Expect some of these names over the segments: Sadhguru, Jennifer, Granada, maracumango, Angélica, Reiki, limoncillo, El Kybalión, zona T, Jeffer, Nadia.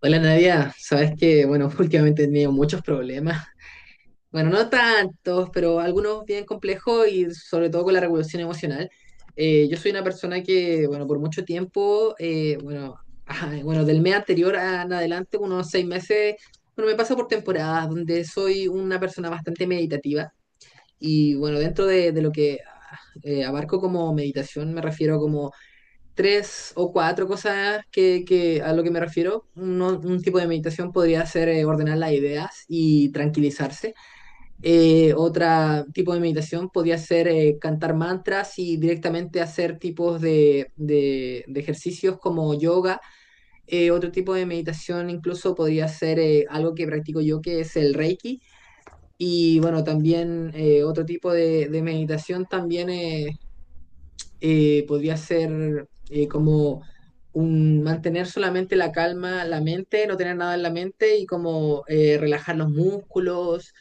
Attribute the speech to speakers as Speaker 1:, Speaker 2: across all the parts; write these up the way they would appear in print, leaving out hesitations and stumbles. Speaker 1: Hola Nadia, sabes que, bueno, últimamente he tenido muchos problemas. Bueno, no tantos, pero algunos bien complejos y sobre todo con la regulación emocional. Yo soy una persona que, bueno, por mucho tiempo, bueno, ajá, bueno, del mes anterior en adelante, unos seis meses, bueno, me paso por temporadas donde soy una persona bastante meditativa y, bueno, dentro de lo que abarco como meditación, me refiero tres o cuatro cosas que a lo que me refiero. Un tipo de meditación podría ser ordenar las ideas y tranquilizarse. Otra tipo de meditación podría ser cantar mantras y directamente hacer tipos de ejercicios como yoga. Otro tipo de meditación incluso podría ser algo que practico yo, que es el Reiki. Y bueno, también otro tipo de meditación también es podría ser como un mantener solamente la calma, la mente, no tener nada en la mente y como relajar los músculos,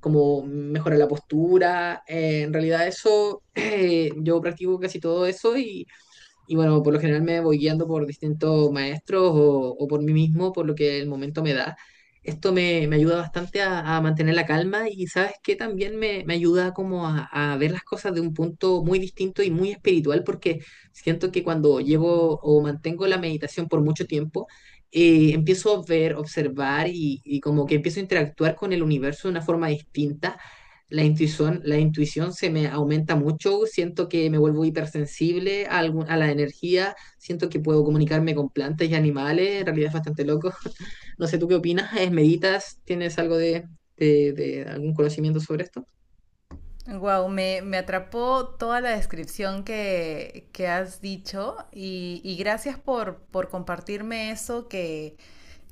Speaker 1: como mejorar la postura. En realidad eso, yo practico casi todo eso y bueno, por lo general me voy guiando por distintos maestros o por mí mismo, por lo que el momento me da. Esto me ayuda bastante a mantener la calma y sabes que también me ayuda como a ver las cosas de un punto muy distinto y muy espiritual porque siento que cuando llevo o mantengo la meditación por mucho tiempo, empiezo a ver, observar y como que empiezo a interactuar con el universo de una forma distinta, la intuición se me aumenta mucho, siento que me vuelvo hipersensible a, a la energía, siento que puedo comunicarme con plantas y animales, en realidad es bastante loco. No sé, ¿tú qué opinas? ¿Meditas? ¿Tienes algo de, de algún conocimiento sobre esto?
Speaker 2: Wow, me atrapó toda la descripción que has dicho y gracias por compartirme eso que,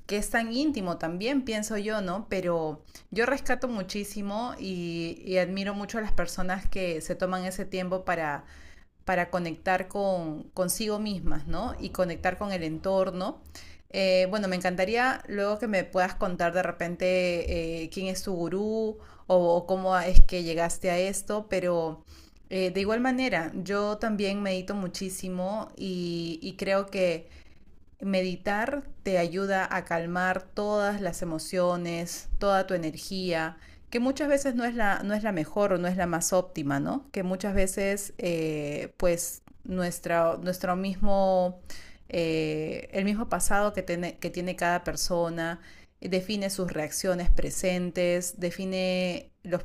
Speaker 2: que es tan íntimo también, pienso yo, ¿no? Pero yo rescato muchísimo y admiro mucho a las personas que se toman ese tiempo para conectar con consigo mismas, ¿no? Y conectar con el entorno. Bueno, me encantaría luego que me puedas contar de repente quién es tu gurú o cómo es que llegaste a esto. Pero de igual manera, yo también medito muchísimo y creo que meditar te ayuda a calmar todas las emociones, toda tu energía, que muchas veces no es no es la mejor o no es la más óptima, ¿no? Que muchas veces, pues, nuestro mismo, el mismo pasado que tiene cada persona, define sus reacciones presentes, define los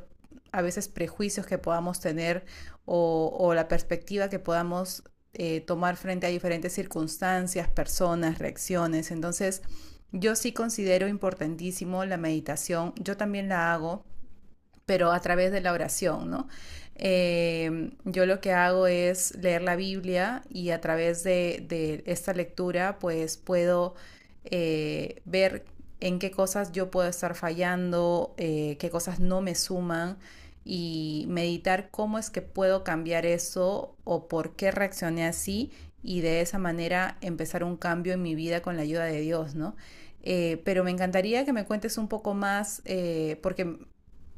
Speaker 2: a veces prejuicios que podamos tener o la perspectiva que podamos tomar frente a diferentes circunstancias, personas, reacciones. Entonces, yo sí considero importantísimo la meditación, yo también la hago pero a través de la oración, ¿no? Yo lo que hago es leer la Biblia y a través de esta lectura pues puedo ver en qué cosas yo puedo estar fallando, qué cosas no me suman, y meditar cómo es que puedo cambiar eso o por qué reaccioné así, y de esa manera empezar un cambio en mi vida con la ayuda de Dios, ¿no? Pero me encantaría que me cuentes un poco más, porque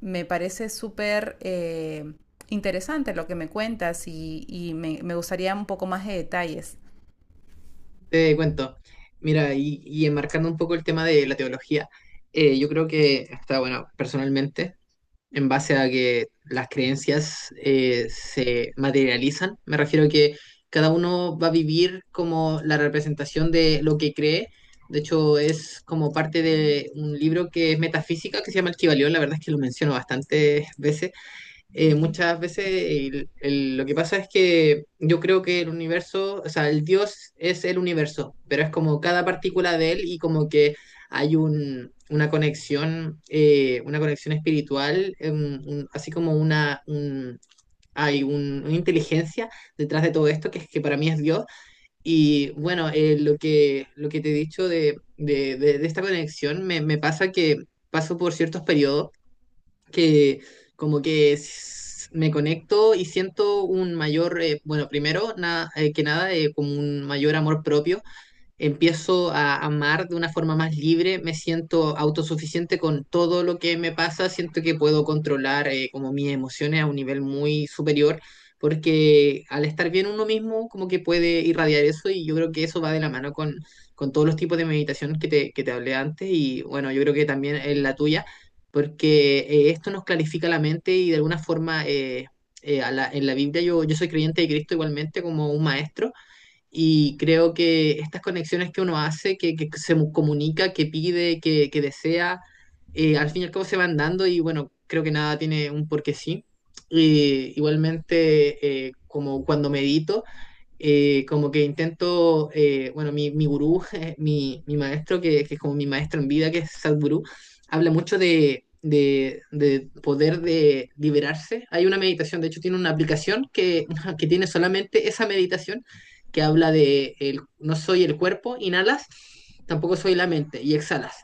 Speaker 2: me parece súper interesante lo que me cuentas, y me gustaría un poco más de detalles.
Speaker 1: Te cuento. Mira, y enmarcando un poco el tema de la teología, yo creo que está bueno, personalmente. En base a que las creencias se materializan. Me refiero a que cada uno va a vivir como la representación de lo que cree. De hecho, es como parte de un libro que es metafísica, que se llama El Kybalión. La verdad es que lo menciono bastantes veces,
Speaker 2: Uh -huh.
Speaker 1: muchas veces lo que pasa es que yo creo que el universo, o sea, el Dios es el universo, pero es como cada partícula de él y como que hay un, una conexión espiritual, así como una, hay una inteligencia detrás de todo esto que para mí es Dios. Y bueno, lo que te he dicho de, de esta conexión me pasa que paso por ciertos periodos que como que me conecto y siento un mayor, bueno, primero, que nada, como un mayor amor propio, empiezo a amar de una forma más libre, me siento autosuficiente con todo lo que me pasa, siento que puedo controlar como mis emociones a un nivel muy superior, porque al estar bien uno mismo como que puede irradiar eso y yo creo que eso va de la mano con todos los tipos de meditación que que te hablé antes y bueno, yo creo que también es la tuya, porque esto nos clarifica la mente y de alguna forma en la Biblia yo, yo soy creyente de Cristo igualmente como un maestro, y creo que estas conexiones que uno hace, que se comunica, que pide, que desea, al fin y al cabo se van dando y bueno, creo que nada tiene un porque sí. Y igualmente, como cuando medito, como que intento, bueno, mi gurú, mi maestro, que es como mi maestro en vida, que es Sadhguru, habla mucho de poder de liberarse. Hay una meditación, de hecho tiene una aplicación que, que tiene solamente esa meditación, que habla de el, no soy el cuerpo, inhalas, tampoco soy la mente, y exhalas.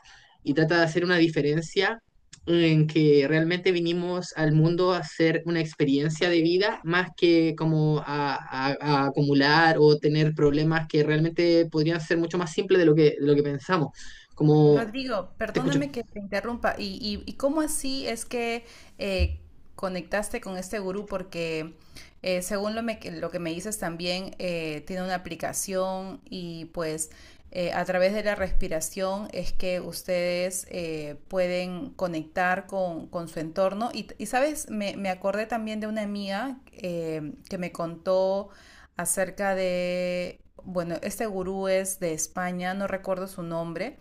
Speaker 1: Y trata de hacer una diferencia en que realmente vinimos al mundo a hacer una experiencia de vida más que como a acumular o tener problemas que realmente podrían ser mucho más simples de lo que pensamos. Como,
Speaker 2: Rodrigo,
Speaker 1: te escucho.
Speaker 2: perdóname que te interrumpa. ¿Y, y cómo así es que eh, conectaste con este gurú? Porque según lo que me dices también, tiene una aplicación y pues a través de la respiración es que ustedes pueden conectar con su entorno. Y, y sabes, me acordé también de una amiga que me contó acerca de, bueno, este gurú es de España, no recuerdo su nombre,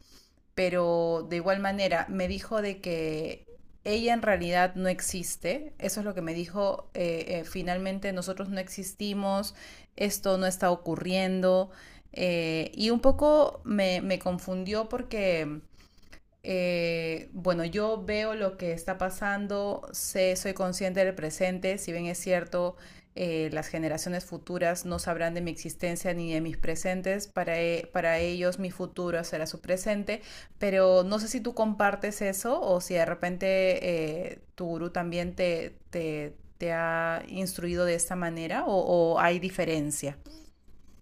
Speaker 2: pero de igual manera me dijo de que ella en realidad no existe, eso es lo que me dijo. Finalmente nosotros no existimos, esto no está ocurriendo. Y un poco me confundió porque bueno, yo veo lo que está pasando, sé, soy consciente del presente. Si bien es cierto, las generaciones futuras no sabrán de mi existencia ni de mis presentes, para ellos mi futuro será su presente. Pero no sé si tú compartes eso, o si de repente tu gurú también te ha instruido de esta manera, o hay diferencia.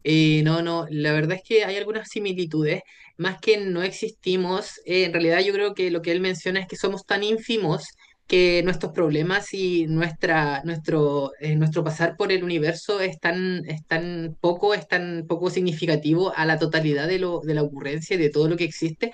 Speaker 1: No, no, la verdad es que hay algunas similitudes, más que no existimos, en realidad yo creo que lo que él menciona es que somos tan ínfimos que nuestros problemas y nuestra, nuestro, nuestro pasar por el universo es tan poco significativo a la totalidad de lo, de la ocurrencia y de todo lo que existe,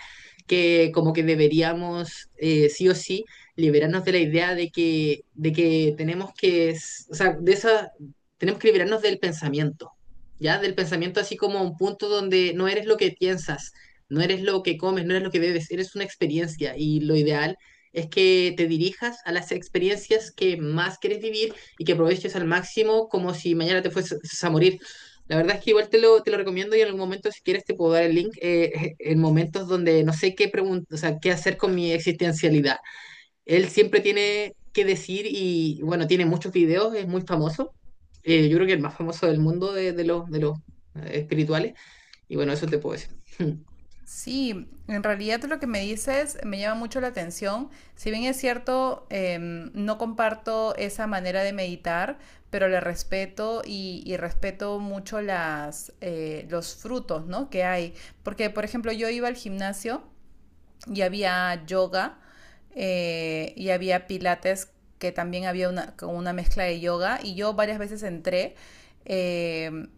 Speaker 1: que como que deberíamos sí o sí liberarnos de la idea de que tenemos o sea, de esa, tenemos que liberarnos del pensamiento, ¿ya? Del pensamiento así como a un punto donde no eres lo que piensas, no eres lo que comes, no eres lo que bebes, eres una experiencia y lo ideal es que te dirijas a las experiencias que más quieres vivir y que aproveches al máximo como si mañana te fueses a morir. La verdad es que igual te lo recomiendo y en algún momento si quieres te puedo dar el link, en momentos donde no sé o sea, qué hacer con mi existencialidad. Él siempre tiene que decir y bueno, tiene muchos videos, es muy famoso. Yo creo que el más famoso del mundo de los espirituales. Y bueno, eso te puedo decir.
Speaker 2: Sí, en realidad lo que me dices me llama mucho la atención. Si bien es cierto, no comparto esa manera de meditar, pero le respeto y respeto mucho las, los frutos, ¿no? Que hay. Porque, por ejemplo, yo iba al gimnasio y había yoga, y había pilates que también había una, con una mezcla de yoga, y yo varias veces entré eh,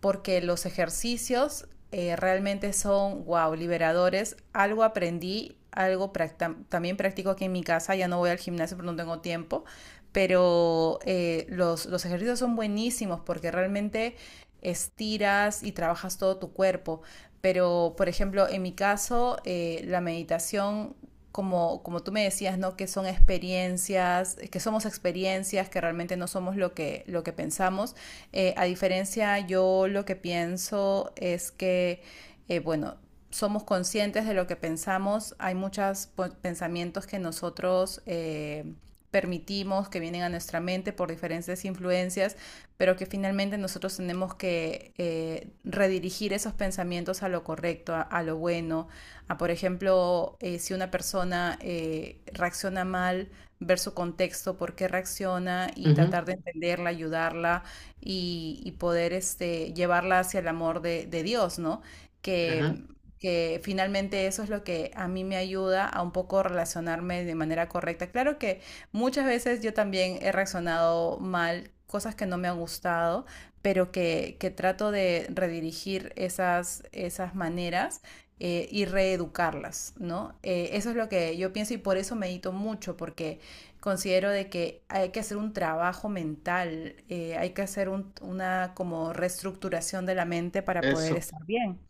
Speaker 2: porque los ejercicios realmente son, wow, liberadores. Algo aprendí, algo también practico aquí en mi casa, ya no voy al gimnasio porque no tengo tiempo, pero los ejercicios son buenísimos porque realmente estiras y trabajas todo tu cuerpo. Pero, por ejemplo, en mi caso, la meditación, como, como tú me decías, ¿no? Que son experiencias, que somos experiencias, que realmente no somos lo que pensamos. A diferencia, yo lo que pienso es que, bueno, somos conscientes de lo que pensamos. Hay muchos pensamientos que nosotros permitimos que vienen a nuestra mente por diferentes influencias, pero que finalmente nosotros tenemos que redirigir esos pensamientos a lo correcto, a lo bueno. A por ejemplo, si una persona reacciona mal, ver su contexto, por qué reacciona, y
Speaker 1: Ujú,
Speaker 2: tratar de entenderla, ayudarla y poder este, llevarla hacia el amor de Dios, ¿no? Que
Speaker 1: ajá,
Speaker 2: que finalmente eso es lo que a mí me ayuda a un poco relacionarme de manera correcta. Claro que muchas veces yo también he reaccionado mal, cosas que no me han gustado, pero que trato de redirigir esas, esas maneras, y reeducarlas, ¿no? Eso es lo que yo pienso, y por eso medito mucho, porque considero de que hay que hacer un trabajo mental. Hay que hacer una como reestructuración de la mente para poder
Speaker 1: eso.
Speaker 2: estar bien.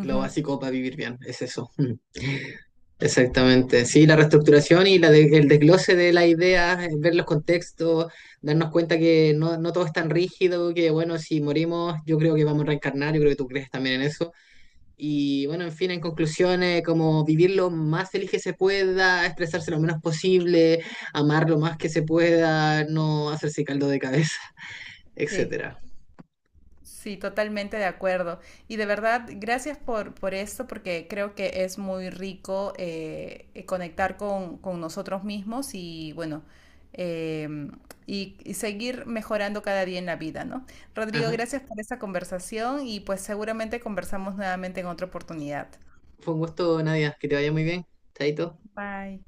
Speaker 1: Lo básico para vivir bien, es eso. Mm, exactamente. Sí, la reestructuración y la el desglose de las ideas, ver los contextos, darnos cuenta que no, no todo es tan rígido, que bueno, si morimos, yo creo que vamos a reencarnar, yo creo que tú crees también en eso. Y bueno, en fin, en conclusiones, como vivir lo más feliz que se pueda, expresarse lo menos posible, amar lo más que se pueda, no hacerse caldo de cabeza,
Speaker 2: Sí.
Speaker 1: etcétera.
Speaker 2: Sí, totalmente de acuerdo. Y de verdad, gracias por esto, porque creo que es muy rico conectar con nosotros mismos y bueno, em, y seguir mejorando cada día en la vida, ¿no? Rodrigo,
Speaker 1: Ajá.
Speaker 2: gracias por esta conversación y pues seguramente conversamos nuevamente en otra oportunidad.
Speaker 1: Fue un gusto, Nadia. Que te vaya muy bien. Chaito.
Speaker 2: Bye.